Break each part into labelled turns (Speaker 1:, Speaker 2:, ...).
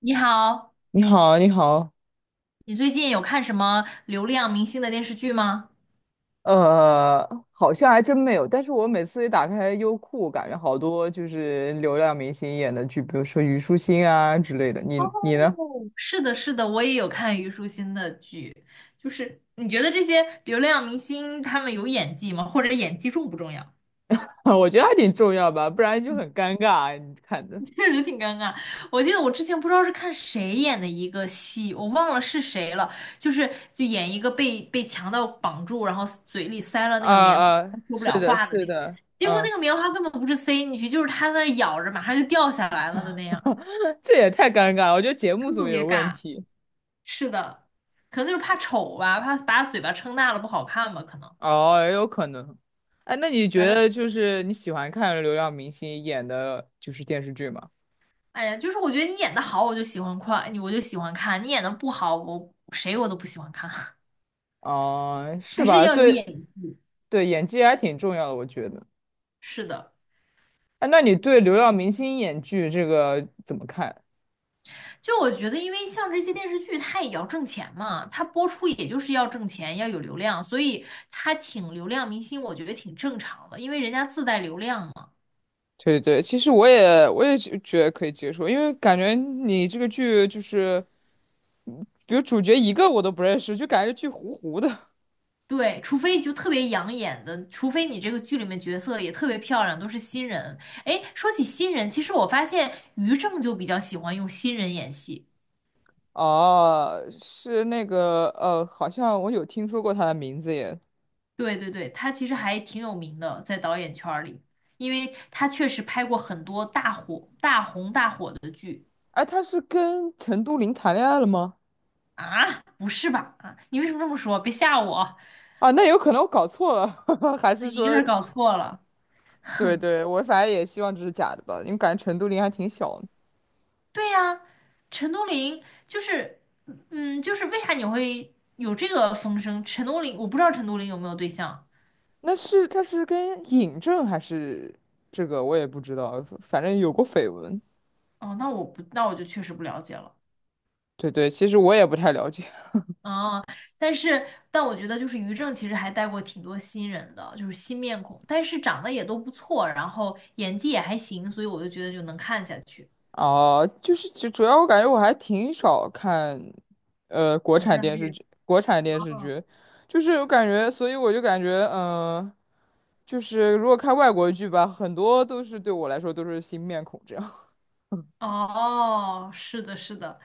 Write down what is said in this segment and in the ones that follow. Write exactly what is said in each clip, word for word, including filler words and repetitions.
Speaker 1: 你好，
Speaker 2: 你好，你好，
Speaker 1: 你最近有看什么流量明星的电视剧吗？
Speaker 2: 呃，好像还真没有。但是我每次一打开优酷，感觉好多就是流量明星演的剧，比如说虞书欣啊之类的。你你呢？
Speaker 1: 是的，是的，我也有看虞书欣的剧。就是你觉得这些流量明星他们有演技吗？或者演技重不重要？
Speaker 2: 我觉得还挺重要吧，不然 就
Speaker 1: 嗯，
Speaker 2: 很尴尬。你看的，
Speaker 1: 确实挺尴尬。我记得我之前不知道是看谁演的一个戏，我忘了是谁了，就是就演一个被被强盗绑住，然后嘴里塞了那个
Speaker 2: 啊
Speaker 1: 棉花，
Speaker 2: 啊，
Speaker 1: 说不
Speaker 2: 是
Speaker 1: 了
Speaker 2: 的，
Speaker 1: 话的
Speaker 2: 是
Speaker 1: 那个，
Speaker 2: 的，
Speaker 1: 结果那
Speaker 2: 嗯。
Speaker 1: 个棉花根本不是塞进去，就是他在那儿咬着，马上就掉下来了的那样，
Speaker 2: 这也太尴尬了，我觉得节目组
Speaker 1: 特
Speaker 2: 也
Speaker 1: 别
Speaker 2: 有问
Speaker 1: 尬。
Speaker 2: 题。
Speaker 1: 是的，可能就是怕丑吧，怕把嘴巴撑大了不好看吧，可能。
Speaker 2: 哦，也有可能。哎，那你
Speaker 1: 反
Speaker 2: 觉
Speaker 1: 正，
Speaker 2: 得就是你喜欢看流量明星演的就是电视剧吗？
Speaker 1: 哎呀，就是我觉得你演的好，我就喜欢看，你我就喜欢看；你演的不好，我谁我都不喜欢看。
Speaker 2: 嗯、是
Speaker 1: 还是
Speaker 2: 吧？
Speaker 1: 要
Speaker 2: 所
Speaker 1: 有
Speaker 2: 以
Speaker 1: 演技。
Speaker 2: 对演技还挺重要的，我觉得。
Speaker 1: 是的，
Speaker 2: 哎，那你对流量明星演剧这个怎么看？
Speaker 1: 就我觉得，因为像这些电视剧，它也要挣钱嘛，它播出也就是要挣钱，要有流量，所以它请流量明星，我觉得挺正常的，因为人家自带流量嘛。
Speaker 2: 对对，其实我也我也觉觉得可以接受，因为感觉你这个剧就是，比如主角一个我都不认识，就感觉剧糊糊的。
Speaker 1: 对，除非就特别养眼的，除非你这个剧里面角色也特别漂亮，都是新人。哎，说起新人，其实我发现于正就比较喜欢用新人演戏。
Speaker 2: 哦，是那个呃，好像我有听说过他的名字耶。
Speaker 1: 对对对，他其实还挺有名的，在导演圈儿里，因为他确实拍过很多大火、大红大火的剧
Speaker 2: 哎，他是跟陈都灵谈恋爱了吗？
Speaker 1: 啊。不是吧？啊，你为什么这么说？别吓我，
Speaker 2: 啊，那有可能我搞错了。还是
Speaker 1: 你一个
Speaker 2: 说
Speaker 1: 人搞错了。
Speaker 2: 对对，我反正也希望这是假的吧，因为感觉陈都灵还挺小的。
Speaker 1: 对呀，陈都灵就是，嗯，就是为啥你会有这个风声？陈都灵，我不知道陈都灵有没有对象。
Speaker 2: 那是他是跟尹正还是这个我也不知道，反正有过绯闻。
Speaker 1: 哦，那我不，那我就确实不了解了。
Speaker 2: 对对，其实我也不太了解。
Speaker 1: 啊，但是，但我觉得就是于正其实还带过挺多新人的，就是新面孔，但是长得也都不错，然后演技也还行，所以我就觉得就能看下去。
Speaker 2: 哦、就是就主要我感觉我还挺少看，呃，国
Speaker 1: 偶
Speaker 2: 产
Speaker 1: 像
Speaker 2: 电视
Speaker 1: 剧。
Speaker 2: 剧，国产电视剧，就是我感觉，所以我就感觉，嗯、就是如果看外国剧吧，很多都是对我来说都是新面孔这样。
Speaker 1: 哦，是的，是的，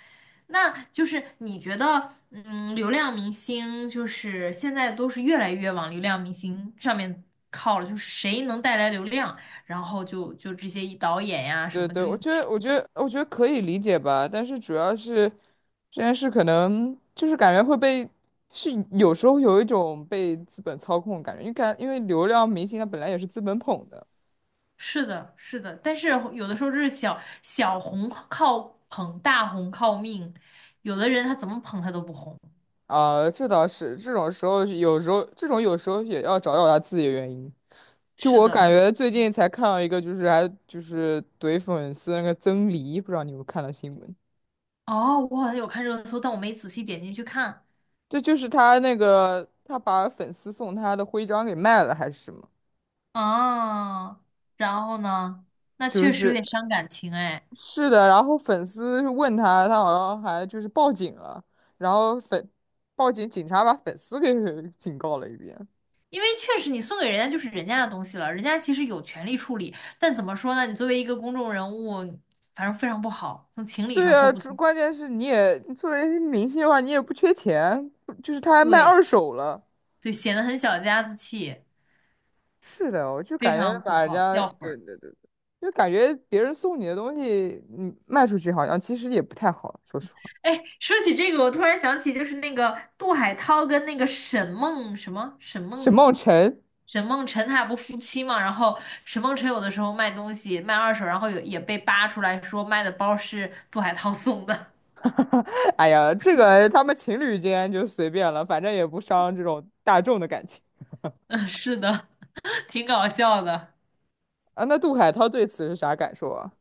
Speaker 1: 那就是你觉得，嗯，流量明星就是现在都是越来越往流量明星上面靠了，就是谁能带来流量，然后就就这些导演呀什
Speaker 2: 对
Speaker 1: 么
Speaker 2: 对，
Speaker 1: 就
Speaker 2: 我
Speaker 1: 用，
Speaker 2: 觉得，我觉得，我觉得可以理解吧，但是主要是这件事可能就是感觉会被，是有时候有一种被资本操控的感觉，因为感因为流量明星他本来也是资本捧的。
Speaker 1: 是的，是的，但是有的时候就是小小红靠捧，大红靠命，有的人他怎么捧他都不红，
Speaker 2: 啊，这倒是，这种时候有时候这种有时候也要找找他自己的原因。就
Speaker 1: 是
Speaker 2: 我
Speaker 1: 的，
Speaker 2: 感
Speaker 1: 有，
Speaker 2: 觉最近才看到一个，就是还就是怼粉丝那个曾黎，不知道你有没有看到新闻？
Speaker 1: 哦，我好像有看热搜，但我没仔细点进去看。
Speaker 2: 这就是他那个他把粉丝送他的徽章给卖了还是什么？
Speaker 1: 哦，然后呢？那
Speaker 2: 就
Speaker 1: 确实有
Speaker 2: 是
Speaker 1: 点伤感情哎，
Speaker 2: 是的，然后粉丝问他，他好像还就是报警了，然后粉报警，警察把粉丝给 警告了一遍。
Speaker 1: 因为确实你送给人家就是人家的东西了，人家其实有权利处理，但怎么说呢？你作为一个公众人物，反正非常不好，从情理
Speaker 2: 对
Speaker 1: 上说
Speaker 2: 呀，
Speaker 1: 不
Speaker 2: 这
Speaker 1: 通。
Speaker 2: 关键是你也作为明星的话，你也不缺钱，就是他还卖
Speaker 1: 对
Speaker 2: 二手了。
Speaker 1: 对，显得很小家子气，
Speaker 2: 是的，我就
Speaker 1: 非
Speaker 2: 感觉
Speaker 1: 常不
Speaker 2: 把人
Speaker 1: 好，
Speaker 2: 家，
Speaker 1: 掉粉
Speaker 2: 对
Speaker 1: 儿。
Speaker 2: 对对，就感觉别人送你的东西，你卖出去好像其实也不太好，说实话。
Speaker 1: 哎，说起这个，我突然想起，就是那个杜海涛跟那个沈梦什么沈
Speaker 2: 沈
Speaker 1: 梦
Speaker 2: 梦辰，
Speaker 1: 沈梦辰，他俩不夫妻嘛？然后沈梦辰有的时候卖东西卖二手，然后有也被扒出来说卖的包是杜海涛送的。
Speaker 2: 哎呀，这个他们情侣间就随便了，反正也不伤这种大众的感情。
Speaker 1: 嗯，是的，挺搞笑的。
Speaker 2: 啊，那杜海涛对此是啥感受啊？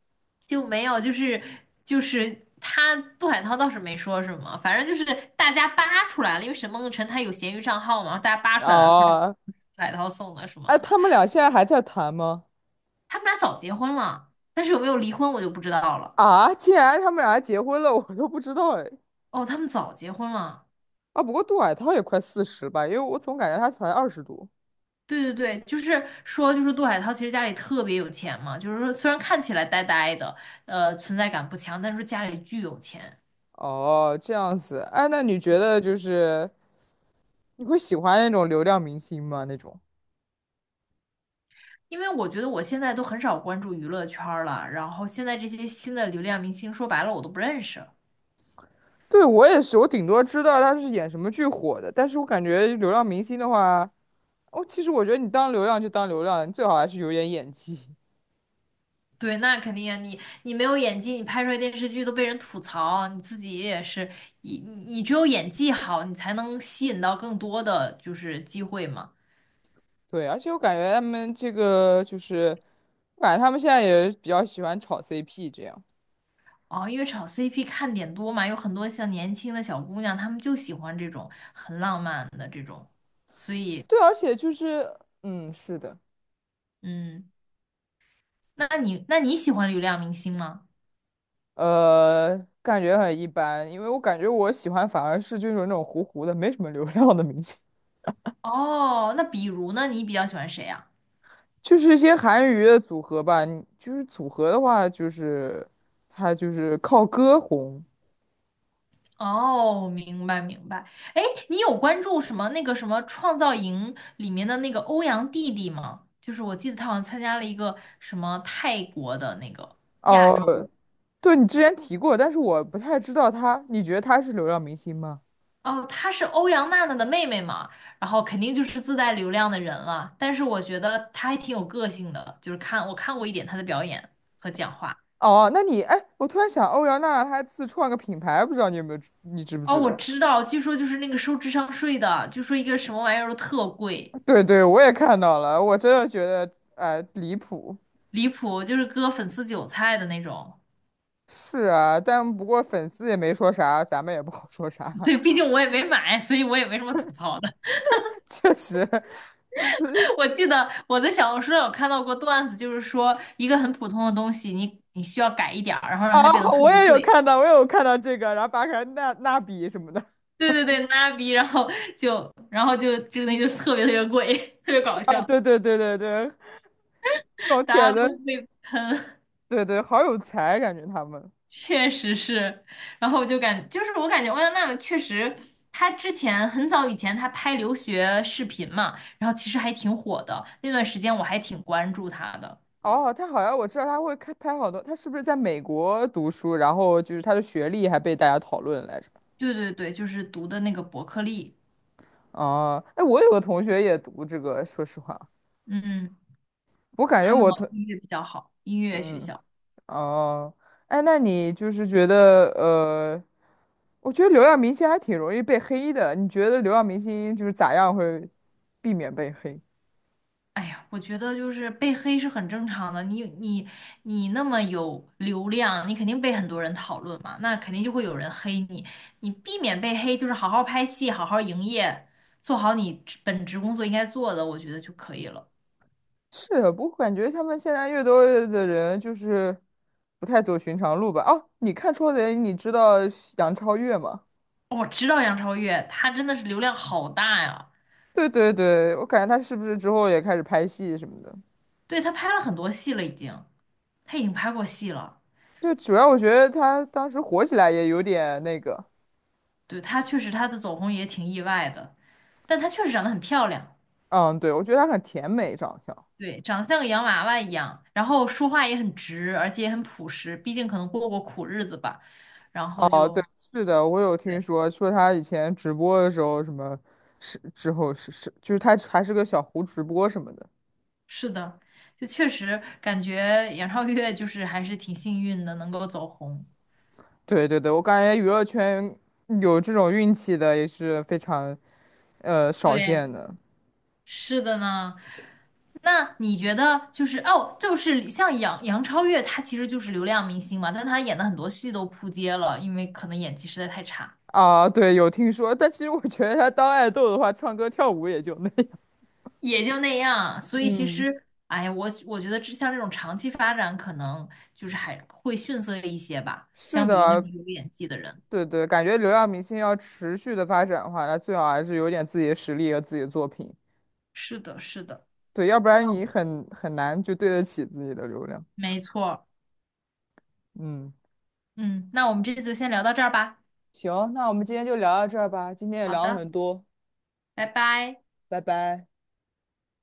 Speaker 1: 就没有，就是就是他杜海涛倒是没说什么，反正就是大家扒出来了，因为沈梦辰他有闲鱼账号嘛，大家扒出来了说这个
Speaker 2: 哦，
Speaker 1: 杜海涛送的什么
Speaker 2: 哎，
Speaker 1: 的。
Speaker 2: 他们俩现在还在谈吗？
Speaker 1: 他们俩早结婚了，但是有没有离婚我就不知道了。
Speaker 2: 啊，竟然他们俩还结婚了，我都不知道哎。
Speaker 1: 哦，他们早结婚了。
Speaker 2: 啊，不过杜海涛也快四十吧，因为我总感觉他才二十多。
Speaker 1: 对对对，就是说，就是杜海涛其实家里特别有钱嘛，就是说虽然看起来呆呆的，呃，存在感不强，但是说家里巨有钱。
Speaker 2: 哦，这样子。哎，那你觉得就是你会喜欢那种流量明星吗？那种？
Speaker 1: 因为我觉得我现在都很少关注娱乐圈儿了，然后现在这些新的流量明星，说白了我都不认识。
Speaker 2: 对，我也是，我顶多知道他是演什么剧火的，但是我感觉流量明星的话，哦，其实我觉得你当流量就当流量了你最好还是有点演技。
Speaker 1: 对，那肯定啊，你你没有演技，你拍出来电视剧都被人吐槽，你自己也是，你你你只有演技好，你才能吸引到更多的就是机会嘛。
Speaker 2: 对，而且我感觉他们这个就是反正他们现在也比较喜欢炒 C P 这样。
Speaker 1: 哦，因为炒 C P 看点多嘛，有很多像年轻的小姑娘，她们就喜欢这种很浪漫的这种，所以，
Speaker 2: 对，而且就是，嗯，是的，
Speaker 1: 嗯，那你那你喜欢流量明星吗？
Speaker 2: 呃，感觉很一般，因为我感觉我喜欢反而是就是那种糊糊的，没什么流量的明星，
Speaker 1: 哦，那比如呢，你比较喜欢谁啊？
Speaker 2: 就是一些韩娱的组合吧。你就是组合的话，就是他就是靠歌红。
Speaker 1: 哦，明白明白。哎，你有关注什么那个什么《创造营》里面的那个欧阳弟弟吗？就是我记得他好像参加了一个什么泰国的那个亚
Speaker 2: 哦，
Speaker 1: 洲。
Speaker 2: 对，你之前提过，但是我不太知道他，你觉得他是流量明星吗？
Speaker 1: 哦，她是欧阳娜娜的妹妹嘛，然后肯定就是自带流量的人了。但是我觉得她还挺有个性的，就是看我看过一点她的表演和讲话。
Speaker 2: 哦，那你，哎，我突然想，欧阳娜娜她自创个品牌，不知道你有没有知，你知不
Speaker 1: 哦，
Speaker 2: 知
Speaker 1: 我
Speaker 2: 道？
Speaker 1: 知道，据说就是那个收智商税的，据说一个什么玩意儿都特贵，
Speaker 2: 对对，我也看到了，我真的觉得哎、呃离谱。
Speaker 1: 离谱，就是割粉丝韭菜的那种。
Speaker 2: 是啊，但不过粉丝也没说啥，咱们也不好说啥。
Speaker 1: 对，毕竟我也没买，所以我也没什么吐槽的。
Speaker 2: 确实，是
Speaker 1: 我记得我在小红书上有看到过段子，就是说一个很普通的东西，你你需要改一点儿，然后让它
Speaker 2: 啊，
Speaker 1: 变得特
Speaker 2: 我
Speaker 1: 别
Speaker 2: 也有
Speaker 1: 贵。
Speaker 2: 看到，我也有看到这个，然后扒开那那笔什么的
Speaker 1: 对对对，拉逼，然后就然后就就那个东西就是特别特别贵，特别搞
Speaker 2: 啊，
Speaker 1: 笑，
Speaker 2: 对对对对对，这种
Speaker 1: 大
Speaker 2: 帖
Speaker 1: 家都
Speaker 2: 子，
Speaker 1: 被
Speaker 2: 对对，好有才，感觉他们。
Speaker 1: 确实是，然后我就感就是我感觉欧阳娜娜确实，她之前很早以前她拍留学视频嘛，然后其实还挺火的，那段时间我还挺关注她的。
Speaker 2: 哦，他好像我知道他会开拍好多，他是不是在美国读书，然后就是他的学历还被大家讨论来着？
Speaker 1: 对对对，就是读的那个伯克利，
Speaker 2: 哦，哎，我有个同学也读这个，说实话，
Speaker 1: 嗯，
Speaker 2: 我感觉
Speaker 1: 他们
Speaker 2: 我
Speaker 1: 好
Speaker 2: 同。
Speaker 1: 像音乐比较好，音乐学
Speaker 2: 嗯，
Speaker 1: 校。
Speaker 2: 哦，哎，那你就是觉得呃，我觉得流量明星还挺容易被黑的。你觉得流量明星就是咋样会避免被黑？
Speaker 1: 哎呀，我觉得就是被黑是很正常的。你你你那么有流量，你肯定被很多人讨论嘛，那肯定就会有人黑你。你避免被黑，就是好好拍戏，好好营业，做好你职本职工作应该做的，我觉得就可以了。
Speaker 2: 是的不过感觉他们现在越多的人就是不太走寻常路吧。哦，你看《超人》，你知道杨超越吗？
Speaker 1: 哦我知道杨超越，她真的是流量好大呀，
Speaker 2: 对对对，我感觉她是不是之后也开始拍戏什么的？
Speaker 1: 对，她拍了很多戏了，已经，她已经拍过戏了。
Speaker 2: 对，主要我觉得她当时火起来也有点那个，
Speaker 1: 对，她确实她的走红也挺意外的，但她确实长得很漂亮。
Speaker 2: 嗯，对，我觉得她很甜美长相。
Speaker 1: 对，长得像个洋娃娃一样，然后说话也很直，而且也很朴实，毕竟可能过过苦日子吧。然后就，
Speaker 2: 是的，我有听
Speaker 1: 对，
Speaker 2: 说，说他以前直播的时候，什么是之后是是，就是他还是个小胡直播什么的。
Speaker 1: 是的，就确实感觉杨超越就是还是挺幸运的，能够走红。
Speaker 2: 对对对，我感觉娱乐圈有这种运气的也是非常呃少
Speaker 1: 对，
Speaker 2: 见的
Speaker 1: 是的呢。那你觉得就是哦，就是像杨杨超越，她其实就是流量明星嘛，但她演的很多戏都扑街了，因为可能演技实在太差。
Speaker 2: 啊。对，有听说，但其实我觉得他当爱豆的话，唱歌跳舞也就那样。
Speaker 1: 也就那样。所以其
Speaker 2: 嗯，
Speaker 1: 实，哎呀，我我觉得这像这种长期发展，可能就是还会逊色一些吧，
Speaker 2: 是
Speaker 1: 相比于那
Speaker 2: 的，
Speaker 1: 种有演技的人。
Speaker 2: 对对，感觉流量明星要持续的发展的话，那最好还是有点自己的实力和自己的作品。
Speaker 1: 是的，是的，
Speaker 2: 对，要不然你
Speaker 1: 嗯，
Speaker 2: 很很难就对得起自己的流量。
Speaker 1: 没错
Speaker 2: 嗯。
Speaker 1: 嗯，那我们这次就先聊到这儿吧。
Speaker 2: 行，那我们今天就聊到这儿吧，今天也
Speaker 1: 好
Speaker 2: 聊了
Speaker 1: 的，
Speaker 2: 很多，
Speaker 1: 拜拜。
Speaker 2: 拜拜。